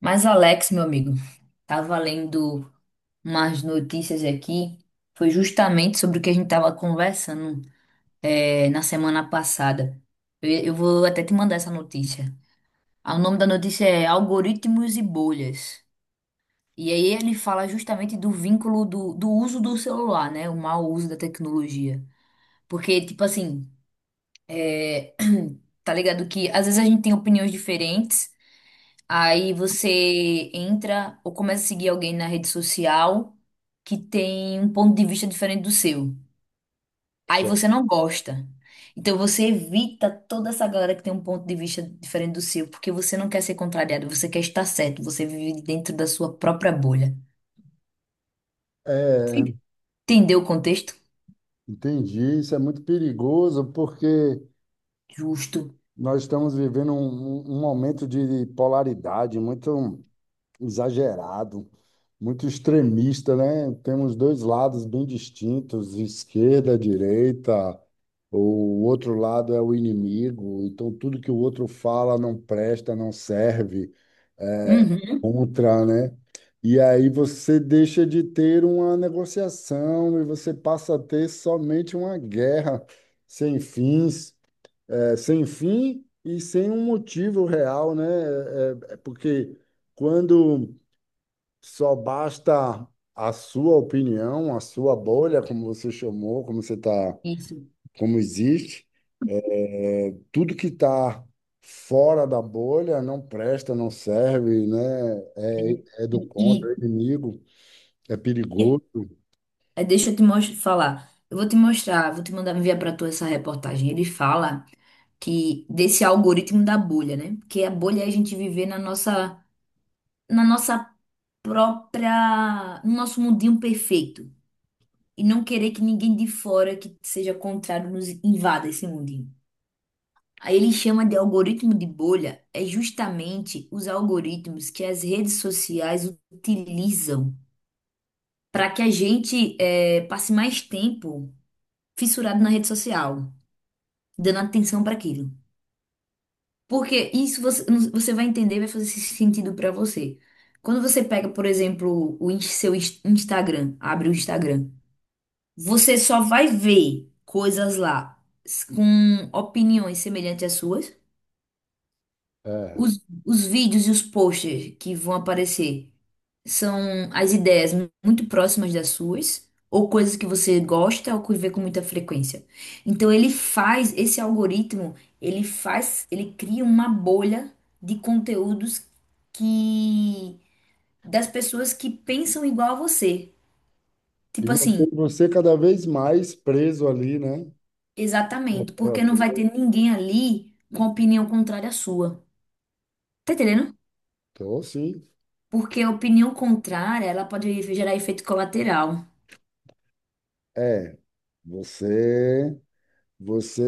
Mas Alex, meu amigo, tava lendo umas notícias aqui, foi justamente sobre o que a gente tava conversando na semana passada. Eu vou até te mandar essa notícia. O nome da notícia é Algoritmos e Bolhas. E aí ele fala justamente do vínculo do uso do celular, né? O mau uso da tecnologia. Porque, tipo assim, eh, tá ligado que às vezes a gente tem opiniões diferentes. Aí você entra ou começa a seguir alguém na rede social que tem um ponto de vista diferente do seu. Aí Certo. você não gosta. Então você evita toda essa galera que tem um ponto de vista diferente do seu, porque você não quer ser contrariado, você quer estar certo, você vive dentro da sua própria bolha. É, Sim. Entendeu o contexto? entendi. Isso é muito perigoso porque Justo. nós estamos vivendo um momento de polaridade muito. Exagerado, muito extremista, né? Temos dois lados bem distintos, esquerda, direita, o outro lado é o inimigo, então tudo que o outro fala não presta, não serve, é Uhum. contra, né? E aí você deixa de ter uma negociação e você passa a ter somente uma guerra sem fins, é, sem fim e sem um motivo real, né? É porque quando só basta a sua opinião, a sua bolha, como você chamou, como você está, Isso. como existe. É, tudo que está fora da bolha não presta, não serve, né? É. É E, do contra, e- é inimigo, é e- perigoso. É, deixa eu te falar. Eu vou te mostrar, vou te mandar enviar para tu essa reportagem. Ele fala que desse algoritmo da bolha, né? Porque a bolha é a gente viver na nossa própria, no nosso mundinho perfeito e não querer que ninguém de fora que seja contrário nos invada esse mundinho. Aí ele chama de algoritmo de bolha é justamente os algoritmos que as redes sociais utilizam para que a gente passe mais tempo fissurado na rede social, dando atenção para aquilo. Porque isso você vai entender, vai fazer sentido pra você. Quando você pega, por exemplo, o Instagram, abre o Instagram, você só vai ver coisas lá com opiniões semelhantes às suas. É. Os, os vídeos e os posters que vão aparecer são as ideias muito próximas das suas, ou coisas que você gosta ou que vê com muita frequência. Então ele faz, esse algoritmo, ele faz, ele cria uma bolha de conteúdos que das pessoas que pensam igual a você. E Tipo assim, mantém você cada vez mais preso ali, né? exatamente, Naquela porque não vai bolha. ter ninguém ali com opinião contrária à sua. Tá entendendo? Então, sim, Porque a opinião contrária, ela pode gerar efeito colateral. é. Você Você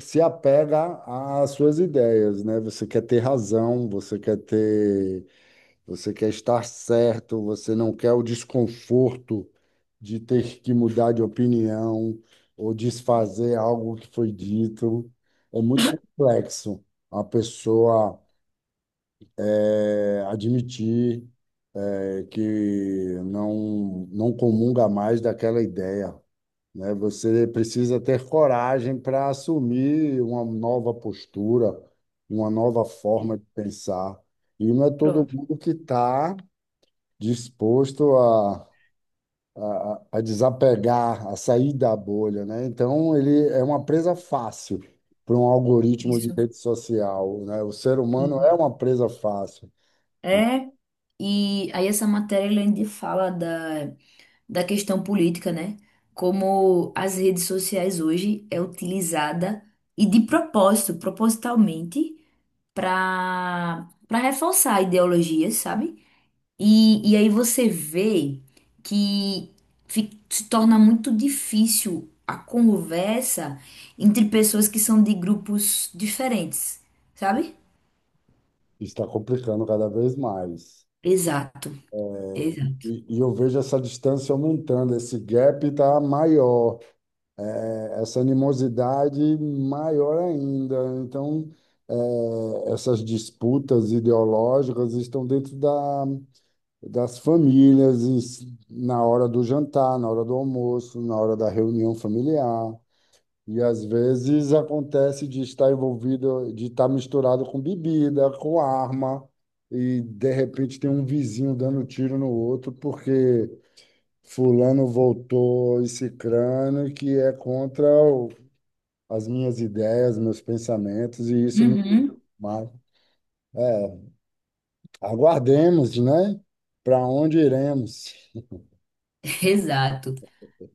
se apega às suas ideias, né? Você quer ter razão, você quer ter, você quer estar certo, você não quer o desconforto de ter que mudar de opinião ou desfazer algo que foi dito. É muito complexo a pessoa admitir, que não comunga mais daquela ideia, né? Você precisa ter coragem para assumir uma nova postura, uma nova forma de pensar. E não é todo Pronto, mundo que está disposto a desapegar, a sair da bolha, né? Então, ele é uma presa fácil para um algoritmo de isso. rede social, né? O ser humano é E- uma presa fácil. E É, e aí essa matéria ele ainda fala da questão política, né? Como as redes sociais hoje é utilizada e de propósito, propositalmente, para reforçar ideologias, sabe? E aí você vê que se torna muito difícil a conversa entre pessoas que são de grupos diferentes, sabe? Está complicando cada vez mais. Exato, exato. E eu vejo essa distância aumentando, esse gap está maior, é, essa animosidade maior ainda. Então, essas disputas ideológicas estão dentro da, das famílias, em si, na hora do jantar, na hora do almoço, na hora da reunião familiar. E às vezes acontece de estar envolvido, de estar misturado com bebida, com arma, e de repente tem um vizinho dando tiro no outro porque fulano voltou e cicrano que é contra o as minhas ideias, meus pensamentos, e isso não, Uhum. mas, é, aguardemos, né? Para onde iremos? Exato.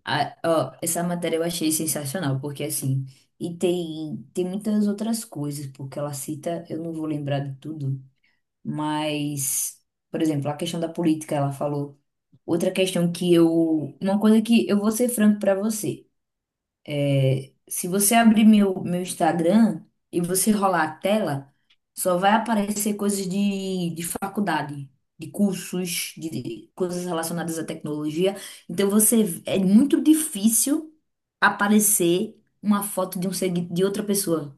Ó, essa matéria eu achei sensacional, porque assim, e tem muitas outras coisas, porque ela cita, eu não vou lembrar de tudo, mas, por exemplo, a questão da política, ela falou. Outra questão que eu. Uma coisa que eu vou ser franco pra você. Se você abrir meu Instagram e você rolar a tela, só vai aparecer coisas de faculdade, de cursos, de coisas relacionadas à tecnologia. Então você é muito difícil aparecer uma foto de um de outra pessoa,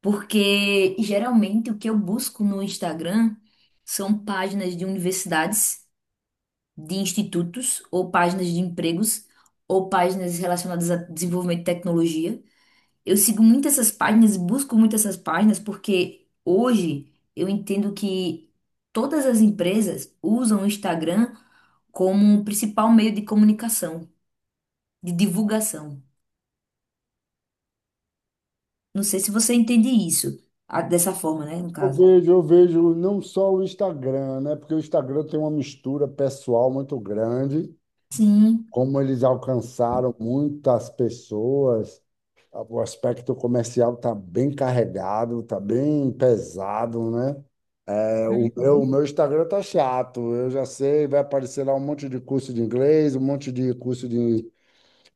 porque geralmente o que eu busco no Instagram são páginas de universidades de institutos ou páginas de empregos ou páginas relacionadas a desenvolvimento de tecnologia. Eu sigo muito essas páginas, busco muito essas páginas porque hoje eu entendo que todas as empresas usam o Instagram como o principal meio de comunicação, de divulgação. Não sei se você entende isso, dessa forma, né, no Eu caso. vejo, eu vejo não só o Instagram, né? Porque o Instagram tem uma mistura pessoal muito grande, Sim. como eles alcançaram muitas pessoas. O aspecto comercial está bem carregado, está bem pesado, né? É, o Uhum. meu Instagram tá chato, eu já sei, vai aparecer lá um monte de curso de inglês, um monte de curso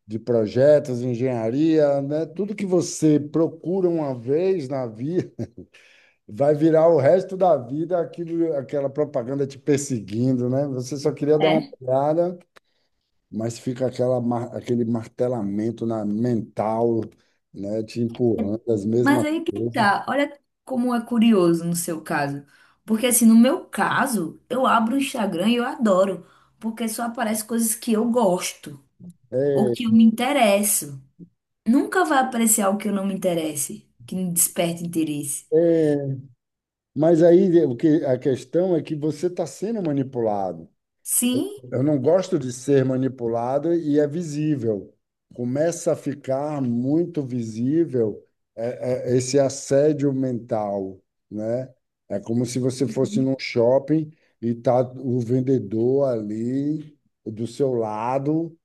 de projetos, engenharia, né? Tudo que você procura uma vez na vida vai virar o resto da vida aquilo, aquela propaganda te perseguindo, né? Você só queria dar uma É. olhada, mas fica aquele martelamento na mental, né? Te empurrando as Mas mesmas aí que coisas. tá, olha como é curioso no seu caso. Porque assim, no meu caso, eu abro o Instagram e eu adoro, porque só aparece coisas que eu gosto ou que eu me interesso. Nunca vai aparecer algo que eu não me interesse, que me desperte interesse. É, mas aí o que, a questão é que você está sendo manipulado. Sim? Eu não gosto de ser manipulado e é visível. Começa a ficar muito visível, esse assédio mental, né? É como se você fosse Uhum. num shopping e tá o vendedor ali do seu lado,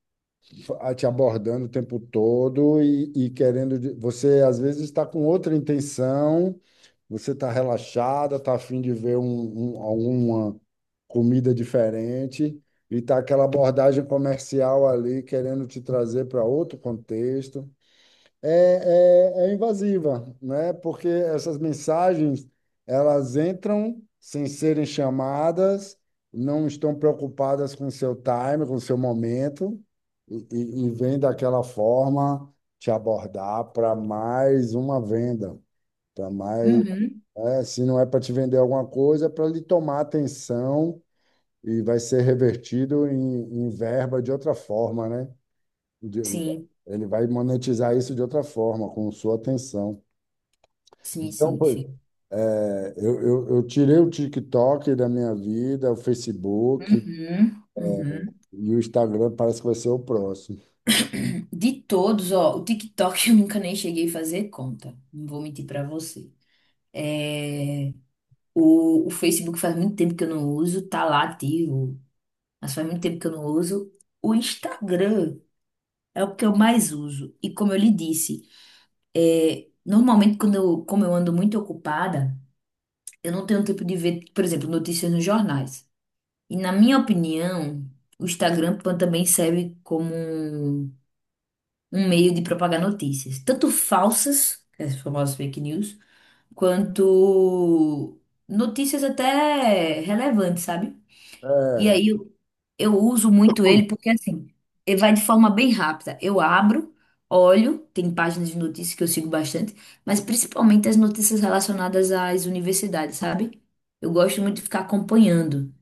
te abordando o tempo todo e querendo. Você às vezes está com outra intenção, você está relaxada, está afim de ver alguma comida diferente e está aquela abordagem comercial ali querendo te trazer para outro contexto. É, é invasiva, né? Porque essas mensagens elas entram sem serem chamadas, não estão preocupadas com seu time, com seu momento e vêm daquela forma te abordar para mais uma venda, para mais, Uhum. é, se não é para te vender alguma coisa, é para lhe tomar atenção e vai ser revertido em verba de outra forma, né? De- Sim, ele vai monetizar isso de outra forma, com sua atenção. sim, Então, sim, pô, sim. é, eu tirei o TikTok da minha vida, o Facebook Uhum. Uhum. e o Instagram parece que vai ser o próximo. De todos, ó, o TikTok eu nunca nem cheguei a fazer conta. Não vou mentir pra você. O Facebook faz muito tempo que eu não uso, tá lá ativo, mas faz muito tempo que eu não uso. O Instagram é o que eu mais uso. E como eu lhe disse, normalmente como eu ando muito ocupada, eu não tenho tempo de ver, por exemplo, notícias nos jornais. E na minha opinião, o Instagram também serve como um meio de propagar notícias, tanto falsas, as famosas fake news, quanto notícias até relevantes, sabe? E É, aí eu uso muito ele porque assim, ele vai de forma bem rápida. Eu abro, olho, tem páginas de notícias que eu sigo bastante, mas principalmente as notícias relacionadas às universidades, sabe? Eu gosto muito de ficar acompanhando.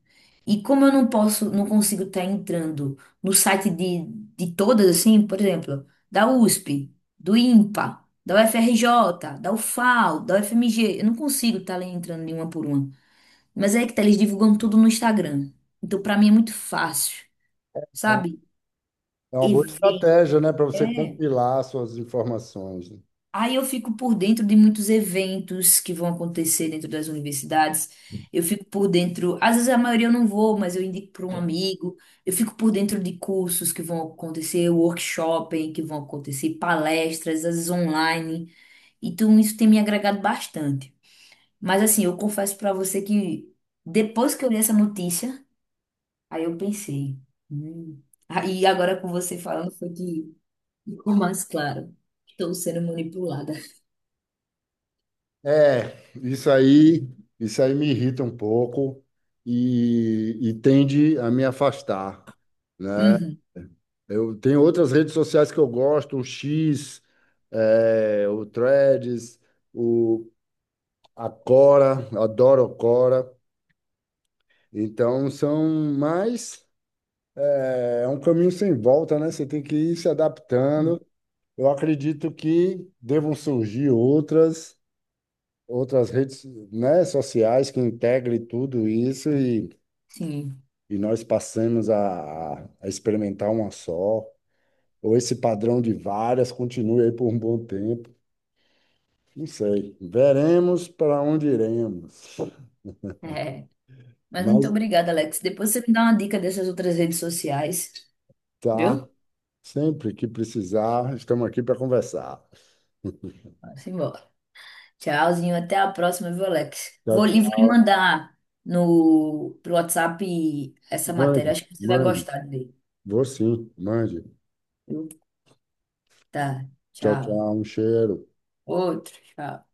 E como eu não posso, não consigo estar entrando no site de todas, assim, por exemplo, da USP, do INPA, da UFRJ, da UFAL, da UFMG, eu não consigo estar entrando em uma por uma. Mas é que tá, eles divulgam tudo no Instagram. Então, pra mim é muito fácil, é uma sabe? é uma boa Evento. estratégia, né, para você É. compilar suas informações, né? Aí eu fico por dentro de muitos eventos que vão acontecer dentro das universidades. Eu fico por dentro, às vezes a maioria eu não vou, mas eu indico para um amigo. Eu fico por dentro de cursos que vão acontecer, workshops que vão acontecer, palestras, às vezes online. Então isso tem me agregado bastante. Mas assim, eu confesso para você que depois que eu li essa notícia, aí eu pensei, hum. Aí agora com você falando foi que ficou mais claro. Estou sendo manipulada. É, isso aí, isso aí me irrita um pouco e tende a me afastar. Uhum. Eu tenho outras redes sociais que eu gosto, o X, é, o Threads, o a Quora, adoro a Quora. Então são mais, é é um caminho sem volta, né? Você tem que ir se adaptando. Eu acredito que devam surgir outras redes, né, sociais que integrem tudo isso Sim, e nós passamos a experimentar uma só, ou esse padrão de várias continue aí por um bom tempo. Não sei. Veremos para onde iremos. é. Mas Mas muito obrigada, Alex. Depois você me dá uma dica dessas outras redes sociais, tá, viu? sempre que precisar, estamos aqui para conversar. Vamos embora. Tchauzinho, até a próxima, viu, Alex? Tchau, Vou, e vou lhe tchau. mandar no, pro WhatsApp essa matéria. Mande, Acho que você vai mande. gostar dele, Vou sim, mande. viu? Tá, Tchau, tchau. tchau. Um cheiro. Outro, tchau.